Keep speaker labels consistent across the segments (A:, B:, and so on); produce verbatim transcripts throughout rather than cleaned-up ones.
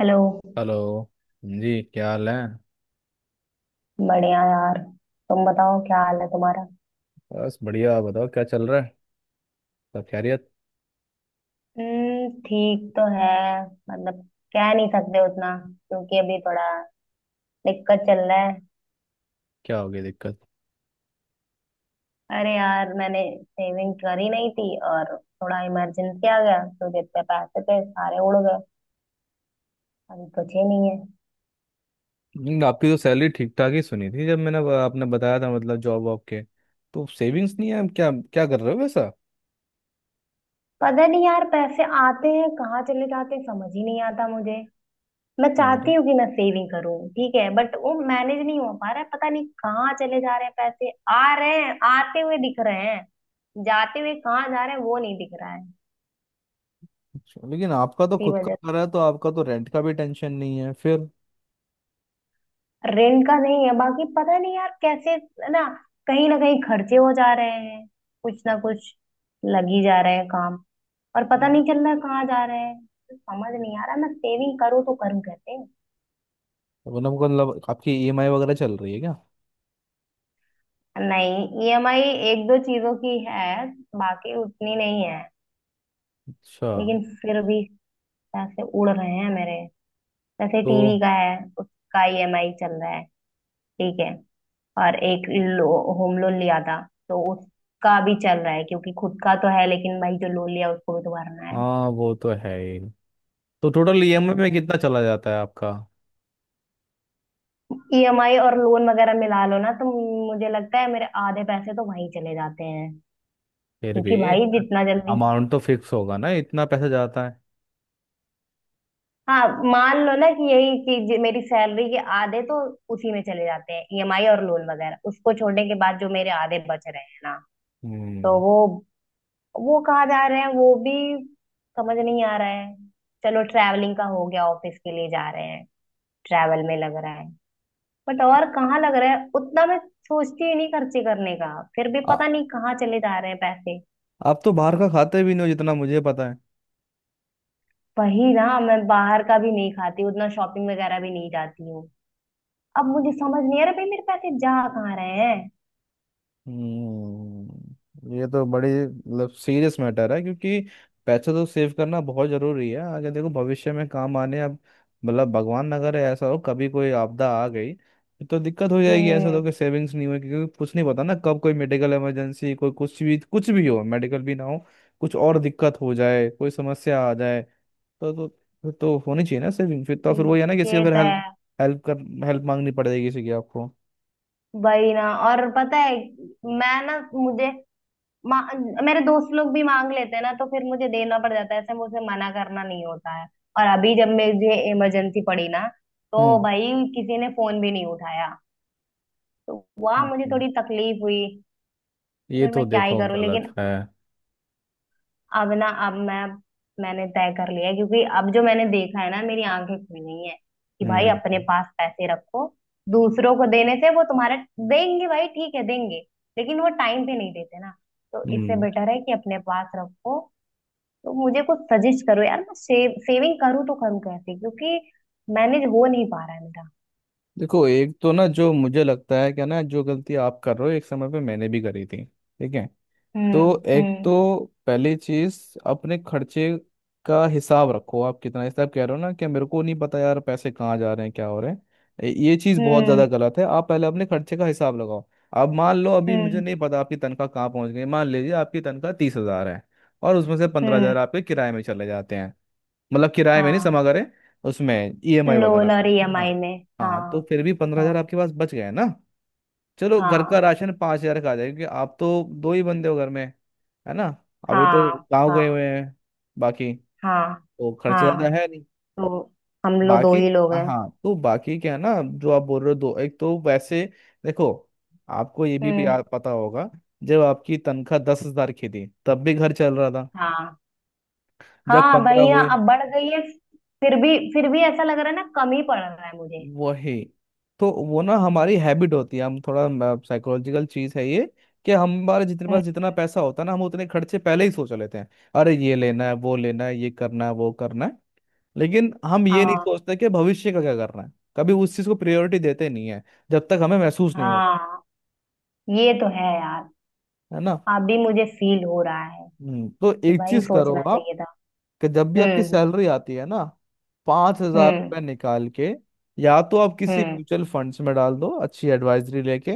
A: Hello.
B: Hello जी, क्या हाल है?
A: बढ़िया यार। तुम बताओ क्या हाल है तुम्हारा।
B: बस बढ़िया। आप बताओ, क्या चल रहा है? सब खैरियत?
A: हम्म, ठीक तो है। मतलब, कह नहीं सकते उतना क्योंकि अभी थोड़ा दिक्कत चल रहा है।
B: क्या हो गई दिक्कत?
A: अरे यार, मैंने सेविंग करी नहीं थी और थोड़ा इमरजेंसी आ गया, तो जितने पैसे थे सारे उड़ गए। अभी बचे नहीं है।
B: हम्म। आपकी तो सैलरी ठीक ठाक ही सुनी थी जब मैंने आपने बताया था, मतलब जॉब वॉब के। तो सेविंग्स नहीं है? आप क्या क्या कर रहे हो वैसा?
A: पता नहीं यार, पैसे आते हैं कहाँ चले जाते हैं समझ ही नहीं आता मुझे। मैं
B: अरे,
A: चाहती हूँ कि मैं सेविंग करूँ, ठीक है, बट वो मैनेज नहीं हो पा रहा है। पता नहीं कहाँ चले जा रहे हैं, पैसे आ रहे हैं, आते हुए दिख रहे हैं, जाते हुए कहाँ जा रहे हैं वो नहीं दिख रहा है।
B: अच्छा। लेकिन आपका तो
A: इसी
B: खुद का
A: वजह,
B: घर है, तो आपका तो रेंट का भी टेंशन नहीं है फिर।
A: रेंट का नहीं है, बाकी पता नहीं यार कैसे ना, कहीं ना कहीं खर्चे हो जा रहे हैं, कुछ ना कुछ लग ही जा रहे हैं काम, और पता
B: हम्म।
A: नहीं चल रहा है कहाँ जा रहे हैं। समझ नहीं आ रहा मैं सेविंग करूँ तो करूँ कैसे।
B: मतलब मतलब आपकी ईएमआई वगैरह चल रही है क्या?
A: नहीं, ईएमआई एक दो चीजों की है, बाकी उतनी नहीं है।
B: अच्छा।
A: लेकिन फिर भी पैसे उड़ रहे हैं मेरे। जैसे टीवी
B: तो
A: का है, उसका ईएमआई चल रहा है, ठीक है। और एक लो, होम लोन लिया था, तो उसका भी चल रहा है, क्योंकि खुद का तो है, लेकिन भाई जो लोन लिया उसको भी तो भरना है।
B: हाँ, वो तो है ही। तो टोटल ईएमआई में
A: हम्म,
B: कितना चला जाता है आपका?
A: ईएमआई और लोन वगैरह मिला लो ना, तो मुझे लगता है मेरे आधे पैसे तो वहीं चले जाते हैं।
B: फिर भी
A: क्योंकि भाई जितना जल्दी।
B: अमाउंट तो फिक्स होगा ना, इतना पैसा जाता है।
A: हाँ, मान लो ना कि यही चीज, मेरी सैलरी के आधे तो उसी में चले जाते हैं, ईएमआई और लोन वगैरह। उसको छोड़ने के बाद जो मेरे आधे बच रहे हैं ना, तो
B: हम्म।
A: वो वो कहाँ जा रहे हैं वो भी समझ नहीं आ रहा है। चलो, ट्रैवलिंग का हो गया, ऑफिस के लिए जा रहे हैं, ट्रैवल में लग रहा है। बट और कहाँ लग रहा है उतना मैं सोचती ही नहीं, खर्चे करने का फिर भी
B: आ-
A: पता नहीं कहाँ चले जा रहे हैं पैसे।
B: आप तो बाहर का खाते भी नहीं हो जितना मुझे पता है।
A: वही ना, मैं बाहर का भी नहीं खाती उतना, शॉपिंग वगैरह भी नहीं जाती हूँ। अब मुझे समझ नहीं आ रहा भाई मेरे पैसे जा कहाँ रहे हैं।
B: हम्म, ये तो बड़ी मतलब सीरियस मैटर है, क्योंकि पैसा तो सेव करना बहुत जरूरी है। आगे देखो भविष्य में काम आने अब। मतलब भगवान ना करे ऐसा हो, कभी कोई आपदा आ गई तो दिक्कत हो जाएगी, ऐसा
A: हम्म,
B: तो कि सेविंग्स नहीं हुई, क्योंकि कुछ नहीं पता ना कब कोई मेडिकल इमरजेंसी, कोई कुछ भी, कुछ भी हो, मेडिकल भी ना हो, कुछ और दिक्कत हो जाए, कोई समस्या आ जाए। तो तो फिर तो होनी चाहिए ना सेविंग, फिर तो फिर वही है ना, किसी का
A: ये
B: फिर
A: तो
B: हेल्प
A: है।
B: हेल्प कर हेल्प मांगनी पड़ेगी किसी की आपको।
A: वही ना। और पता है, मैं ना मुझे मा- मेरे दोस्त लोग भी मांग लेते हैं ना, तो फिर मुझे देना पड़ जाता है, ऐसे मुझे मना करना नहीं होता है। और अभी जब मुझे इमरजेंसी पड़ी ना, तो
B: हम्म।
A: भाई किसी ने फोन भी नहीं उठाया। तो वहां मुझे
B: हम्म,
A: थोड़ी तकलीफ हुई। तो
B: ये
A: फिर
B: तो
A: मैं क्या ही
B: देखो
A: करूँ,
B: गलत
A: लेकिन
B: है।
A: अब ना अब मैं मैंने तय कर लिया है, क्योंकि अब जो मैंने देखा है ना, मेरी आंखें खुल गई हैं कि भाई
B: हम्म।
A: अपने पास पैसे रखो। दूसरों को देने से, वो तुम्हारा देंगे भाई, ठीक है देंगे, लेकिन वो टाइम पे नहीं देते ना। तो इससे
B: हम्म।
A: बेटर है कि अपने पास रखो। तो मुझे कुछ सजेस्ट करो यार, मैं सेव सेविंग करूँ तो करूँ कैसे, क्योंकि मैनेज हो नहीं पा रहा है मेरा।
B: देखो, एक तो ना, जो मुझे लगता है क्या ना, जो गलती आप कर रहे हो एक समय पे मैंने भी करी थी, ठीक है?
A: हम्म।
B: तो एक
A: हम्म।
B: तो पहली चीज अपने खर्चे का हिसाब रखो। आप कितना हिसाब कह रहे हो ना कि मेरे को नहीं पता यार पैसे कहाँ जा रहे हैं, क्या हो रहे हैं। ये ये चीज बहुत
A: हम्म।
B: ज्यादा गलत है। आप पहले अपने खर्चे का हिसाब लगाओ। अब मान लो अभी मुझे
A: हम्म।
B: नहीं पता आपकी तनख्वाह कहाँ पहुंच गई, मान लीजिए आपकी तनख्वाह तीस हजार है, और उसमें से पंद्रह
A: हम्म।
B: हजार आपके किराए में चले जाते हैं, मतलब किराए में नहीं, समा
A: हाँ,
B: करें उसमें ईएमआई वगैरह
A: लोन
B: पे।
A: और
B: हाँ,
A: ईएमआई में।
B: हाँ, तो
A: हाँ।
B: फिर भी पंद्रह हजार
A: हाँ।
B: आपके पास बच गए ना। चलो घर का
A: हाँ।
B: राशन पाँच हजार का आ जाएगा क्योंकि आप तो दो ही बंदे हो घर में, है ना? अभी तो
A: हाँ।
B: गाँव गए
A: हाँ।
B: हुए हैं बाकी।
A: हाँ।
B: तो खर्चा ज्यादा
A: हाँ,
B: है नहीं
A: तो हम लोग दो
B: बाकी।
A: ही लोग हैं।
B: हाँ, तो बाकी क्या है ना, जो आप बोल रहे हो दो एक तो वैसे देखो, आपको ये भी
A: हम्म।
B: याद पता होगा जब आपकी तनख्वाह दस हजार की थी तब भी घर चल रहा था।
A: हाँ।
B: जब
A: हाँ,
B: पंद्रह
A: वही ना,
B: हुए,
A: अब बढ़ गई है। फिर भी फिर भी ऐसा लग रहा है ना, कम ही पड़ रहा है मुझे।
B: वही। तो वो ना हमारी हैबिट होती है, हम थोड़ा साइकोलॉजिकल चीज है ये, कि हमारे जितने पास
A: हम्म,
B: जितना पैसा होता है ना हम उतने खर्चे पहले ही सोच लेते हैं। अरे ये लेना है वो लेना है ये करना है वो करना है, लेकिन हम ये नहीं
A: हाँ।
B: सोचते कि भविष्य का क्या करना है। कभी उस चीज को प्रायोरिटी देते नहीं है जब तक हमें महसूस नहीं होता।
A: हाँ, ये तो है यार।
B: है ना?
A: अभी मुझे फील हो रहा है
B: हम्म, तो
A: कि
B: एक
A: भाई
B: चीज करो
A: सोचना
B: आप,
A: चाहिए था।
B: कि जब भी आपकी
A: हम्म।
B: सैलरी आती है ना, पांच हजार
A: हम्म।
B: रुपये निकाल के या तो आप किसी
A: हम्म।
B: म्यूचुअल फंड्स में डाल दो, अच्छी एडवाइजरी लेके,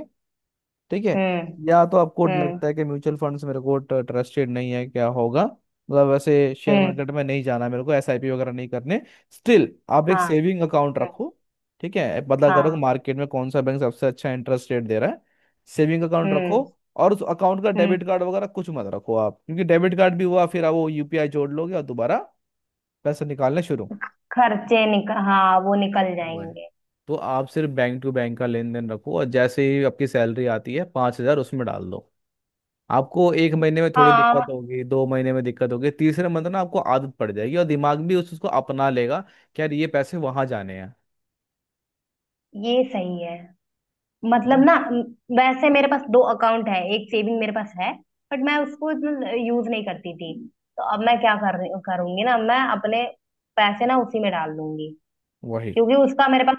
B: ठीक है?
A: हम्म।
B: या तो आपको
A: हम्म।
B: लगता है कि म्यूचुअल फंड्स मेरे को ट्रस्टेड नहीं है, क्या होगा, मतलब वैसे शेयर
A: हम्म।
B: मार्केट में नहीं जाना मेरे को, एसआईपी वगैरह नहीं करने, स्टिल आप एक
A: हाँ।
B: सेविंग अकाउंट
A: हम्म।
B: रखो। ठीक है, पता करो कि
A: हाँ।
B: मार्केट में कौन सा बैंक सबसे अच्छा इंटरेस्ट रेट दे रहा है। सेविंग अकाउंट रखो,
A: हम्म।
B: और उस अकाउंट का
A: हम्म।
B: डेबिट कार्ड वगैरह कुछ मत रखो आप, क्योंकि डेबिट कार्ड भी हुआ फिर आप वो यूपीआई जोड़ लोगे और दोबारा पैसे निकालना शुरू
A: खर्चे निकल, हाँ, वो निकल
B: हुआ है।
A: जाएंगे।
B: तो आप सिर्फ बैंक टू बैंक का लेन देन रखो, और जैसे ही आपकी सैलरी आती है पाँच हजार उसमें डाल दो। आपको एक महीने में थोड़ी
A: हाँ,
B: दिक्कत होगी, दो महीने में दिक्कत होगी, तीसरे मंथ ना आपको आदत पड़ जाएगी और दिमाग भी उस उसको अपना लेगा कि यार ये पैसे वहां जाने हैं,
A: ये सही है।
B: है ना?
A: मतलब ना म- वैसे मेरे पास दो अकाउंट है, एक सेविंग मेरे पास है, बट मैं उसको यूज नहीं करती थी। तो अब मैं क्या कर, करूंगी ना, मैं अपने पैसे ना उसी में डाल दूंगी,
B: वही।
A: क्योंकि उसका मेरे पास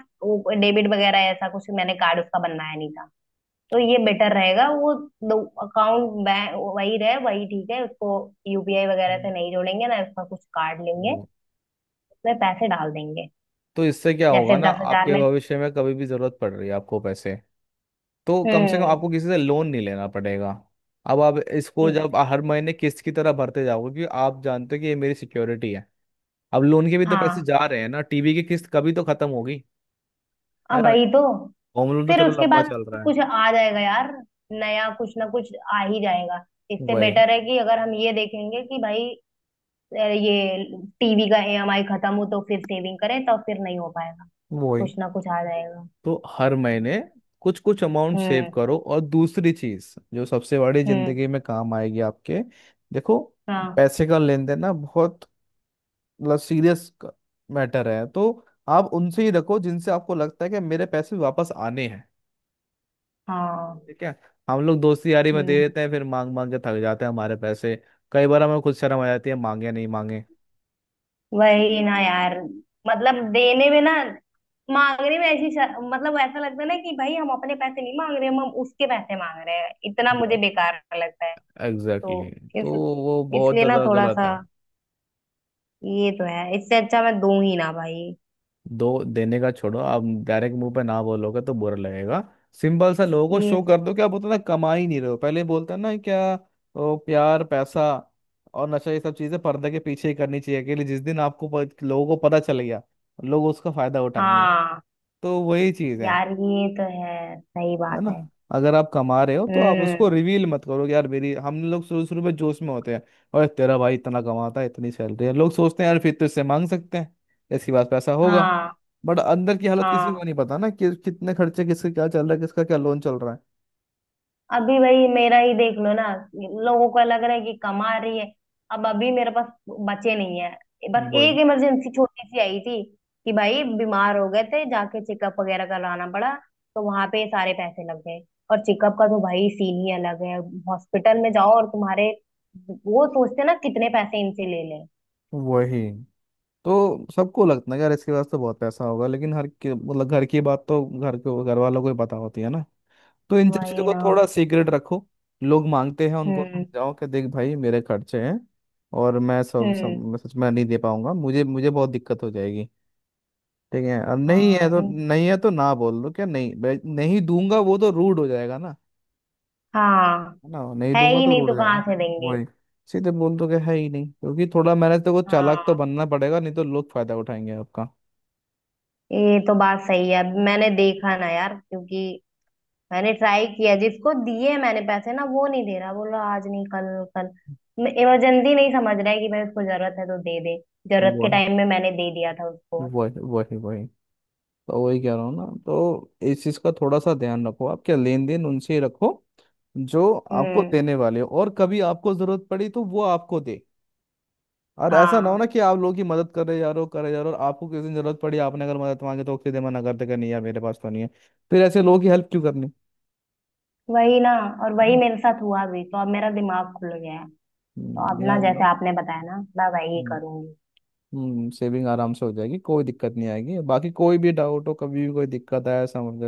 A: डेबिट वगैरह ऐसा कुछ, मैंने कार्ड उसका बनवाया नहीं था। तो ये बेटर रहेगा, वो दो अकाउंट बैंक वही रहे, वही ठीक है। उसको यूपीआई वगैरह से
B: हम्म।
A: नहीं जोड़ेंगे ना, उसका कुछ कार्ड लेंगे।
B: वो।
A: उसमें पैसे डाल देंगे।
B: तो इससे क्या होगा
A: जैसे
B: ना,
A: दस हज़ार
B: आपके
A: में।
B: भविष्य में कभी भी जरूरत पड़ रही है आपको पैसे, तो कम से कम
A: हम्म।
B: आपको किसी से लोन नहीं लेना पड़ेगा। अब आप इसको जब हर
A: exactly.
B: महीने किस्त की तरह भरते जाओगे क्योंकि आप जानते हो कि ये मेरी सिक्योरिटी है। अब लोन के भी तो पैसे
A: हाँ,
B: जा रहे हैं ना, टीवी की किस्त कभी तो खत्म होगी, है
A: अब
B: ना।
A: वही तो।
B: होम लोन तो
A: फिर
B: चलो
A: उसके
B: लंबा
A: बाद
B: चल रहा है।
A: कुछ आ जाएगा यार, नया कुछ ना कुछ आ ही जाएगा। इससे
B: वही,
A: बेटर है कि अगर हम ये देखेंगे कि भाई अ, ये टीवी का ईएमआई खत्म हो तो फिर सेविंग करें, तो फिर नहीं हो पाएगा,
B: वही।
A: कुछ ना कुछ आ जाएगा।
B: तो हर महीने कुछ कुछ अमाउंट सेव
A: हम्म।
B: करो, और दूसरी चीज जो सबसे बड़ी
A: हम्म।
B: जिंदगी में काम आएगी आपके, देखो,
A: हाँ।
B: पैसे का लेन देन ना बहुत मतलब सीरियस मैटर है। तो आप उनसे ही रखो जिनसे आपको लगता है कि मेरे पैसे वापस आने हैं,
A: हाँ।
B: ठीक है? हम लोग दोस्ती यारी में दे
A: हम्म।
B: देते हैं फिर मांग मांग के थक जाते हैं, हमारे पैसे कई बार हमें खुद शर्म आ जाती है, मांगे नहीं मांगे।
A: वही ना यार, मतलब देने में ना, मांगने में ऐसी शर- मतलब ऐसा लगता है ना कि भाई हम अपने पैसे नहीं मांग रहे, हम हम उसके पैसे मांग रहे हैं, इतना मुझे बेकार लगता है।
B: एग्जैक्टली,
A: तो
B: exactly.
A: इस
B: तो वो बहुत
A: इसलिए ना,
B: ज्यादा
A: थोड़ा
B: गलत
A: सा
B: है।
A: ये तो है, इससे अच्छा मैं दूं ही ना भाई।
B: दो देने का छोड़ो, आप डायरेक्ट मुंह पे ना बोलोगे तो बुरा लगेगा, सिंपल सा लोगों को
A: ये
B: शो
A: से।
B: कर दो कि आप उतना कमा ही नहीं रहे हो। पहले बोलते हैं ना क्या, ओ, प्यार पैसा और नशा, ये सब चीजें पर्दे के पीछे ही करनी चाहिए अकेले। जिस दिन आपको प- लोगों को पता चल गया, लोग उसका फायदा उठाएंगे।
A: हाँ
B: तो वही चीज है
A: यार, ये तो है, सही
B: है
A: बात
B: ना?
A: है।
B: अगर आप कमा रहे हो तो आप
A: हम्म।
B: उसको रिवील मत करो कि यार मेरी, हम लोग शुरू शुरू में जोश में होते हैं और तेरा भाई इतना कमाता है, इतनी सैलरी है, लोग सोचते हैं यार फिर तो इससे मांग सकते हैं, इसके पास पैसा होगा।
A: हाँ।
B: बट अंदर की हालत किसी को
A: हाँ,
B: नहीं पता ना, कि कितने खर्चे किसके क्या चल रहा है, किसका क्या लोन चल रहा है।
A: अभी भाई मेरा ही देख लो ना, लोगों को लग रहा है कि कमा रही है। अब अभी मेरे पास बचे नहीं है। बस
B: वही,
A: एक इमरजेंसी छोटी सी आई थी कि भाई बीमार हो गए थे, जाके चेकअप वगैरह करवाना पड़ा, तो वहां पे सारे पैसे लग गए। और चेकअप का तो भाई सीन ही अलग है, हॉस्पिटल में जाओ और तुम्हारे, वो सोचते हैं ना कितने पैसे इनसे ले लें।
B: वही। तो सबको लगता है यार इसके पास तो बहुत पैसा होगा, लेकिन हर के मतलब घर की बात तो घर के घर वालों को ही पता होती है ना। तो इन सब चीजों
A: वही
B: को
A: ना।
B: थोड़ा सीक्रेट रखो। लोग मांगते हैं उनको
A: हम्म।
B: समझाओ कि देख भाई मेरे खर्चे हैं, और मैं सब
A: हम्म।
B: सब सच में नहीं दे पाऊंगा, मुझे मुझे बहुत दिक्कत हो जाएगी, ठीक है? और नहीं है तो
A: हाँ।
B: नहीं है तो ना बोल दो क्या, नहीं भाई, नहीं दूंगा वो तो रूड हो जाएगा ना।
A: हाँ।
B: है ना, नहीं
A: है
B: दूंगा
A: ही
B: तो
A: नहीं
B: रूड
A: तो
B: हो
A: कहाँ
B: जाएगा।
A: से देंगे।
B: वही, सीधे बोल दो कि है ही नहीं, क्योंकि थोड़ा मेहनत तो को चालाक तो
A: हाँ,
B: बनना पड़ेगा नहीं तो लोग फायदा उठाएंगे आपका।
A: ये तो बात सही है, मैंने देखा ना यार, क्योंकि मैंने ट्राई किया, जिसको दिए मैंने पैसे ना, वो नहीं दे रहा, बोलो आज नहीं कल, कल। इमरजेंसी नहीं समझ रहा है कि भाई उसको जरूरत है तो दे दे। जरूरत के
B: वही,
A: टाइम में मैंने दे दिया था उसको।
B: वही, वही, वही। तो वही कह रहा हूँ ना, तो इस चीज़ का थोड़ा सा ध्यान रखो आप, क्या लेन देन उनसे ही रखो जो आपको
A: हम्म।
B: देने वाले हो, और कभी आपको जरूरत पड़ी तो वो आपको दे। और ऐसा ना हो
A: हाँ,
B: ना कि आप लोगों की मदद कर रहे जा रहे हो कर रहे जा रहे हो और आपको किसी दिन जरूरत पड़ी आपने अगर मदद मांगी तो सीधे मना कर देगा, नहीं यार मेरे पास तो नहीं है। फिर ऐसे लोगों की हेल्प क्यों करनी।
A: वही ना, और
B: है
A: वही
B: ना?
A: मेरे साथ हुआ भी, तो अब मेरा दिमाग खुल गया है।
B: हम्म,
A: तो अब ना,
B: ध्यान
A: जैसे
B: दो।
A: आपने बताया ना, मैं वही करूंगी।
B: हम्म, सेविंग आराम से हो जाएगी, कोई दिक्कत नहीं आएगी। बाकी कोई भी डाउट हो कभी भी, कोई दिक्कत आए, समझ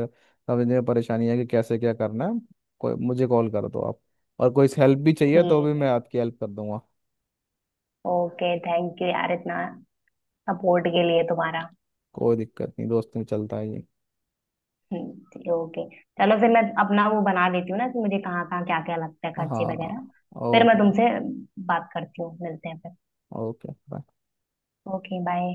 B: समझने में परेशानी है कि कैसे क्या करना है, कोई मुझे कॉल कर दो आप। और कोई हेल्प भी चाहिए तो भी
A: ठीक है।
B: मैं आपकी हेल्प कर दूंगा।
A: ओके, थैंक यू यार इतना सपोर्ट के लिए तुम्हारा।
B: कोई दिक्कत नहीं, दोस्त में चलता है ये।
A: ठीक, ओके। चलो फिर मैं अपना वो बना लेती हूँ ना, कि मुझे कहाँ कहाँ क्या क्या लगता है खर्चे
B: हाँ।
A: वगैरह। फिर मैं
B: ओके।
A: तुमसे बात करती हूँ, मिलते हैं फिर।
B: ओके।
A: Okay bye.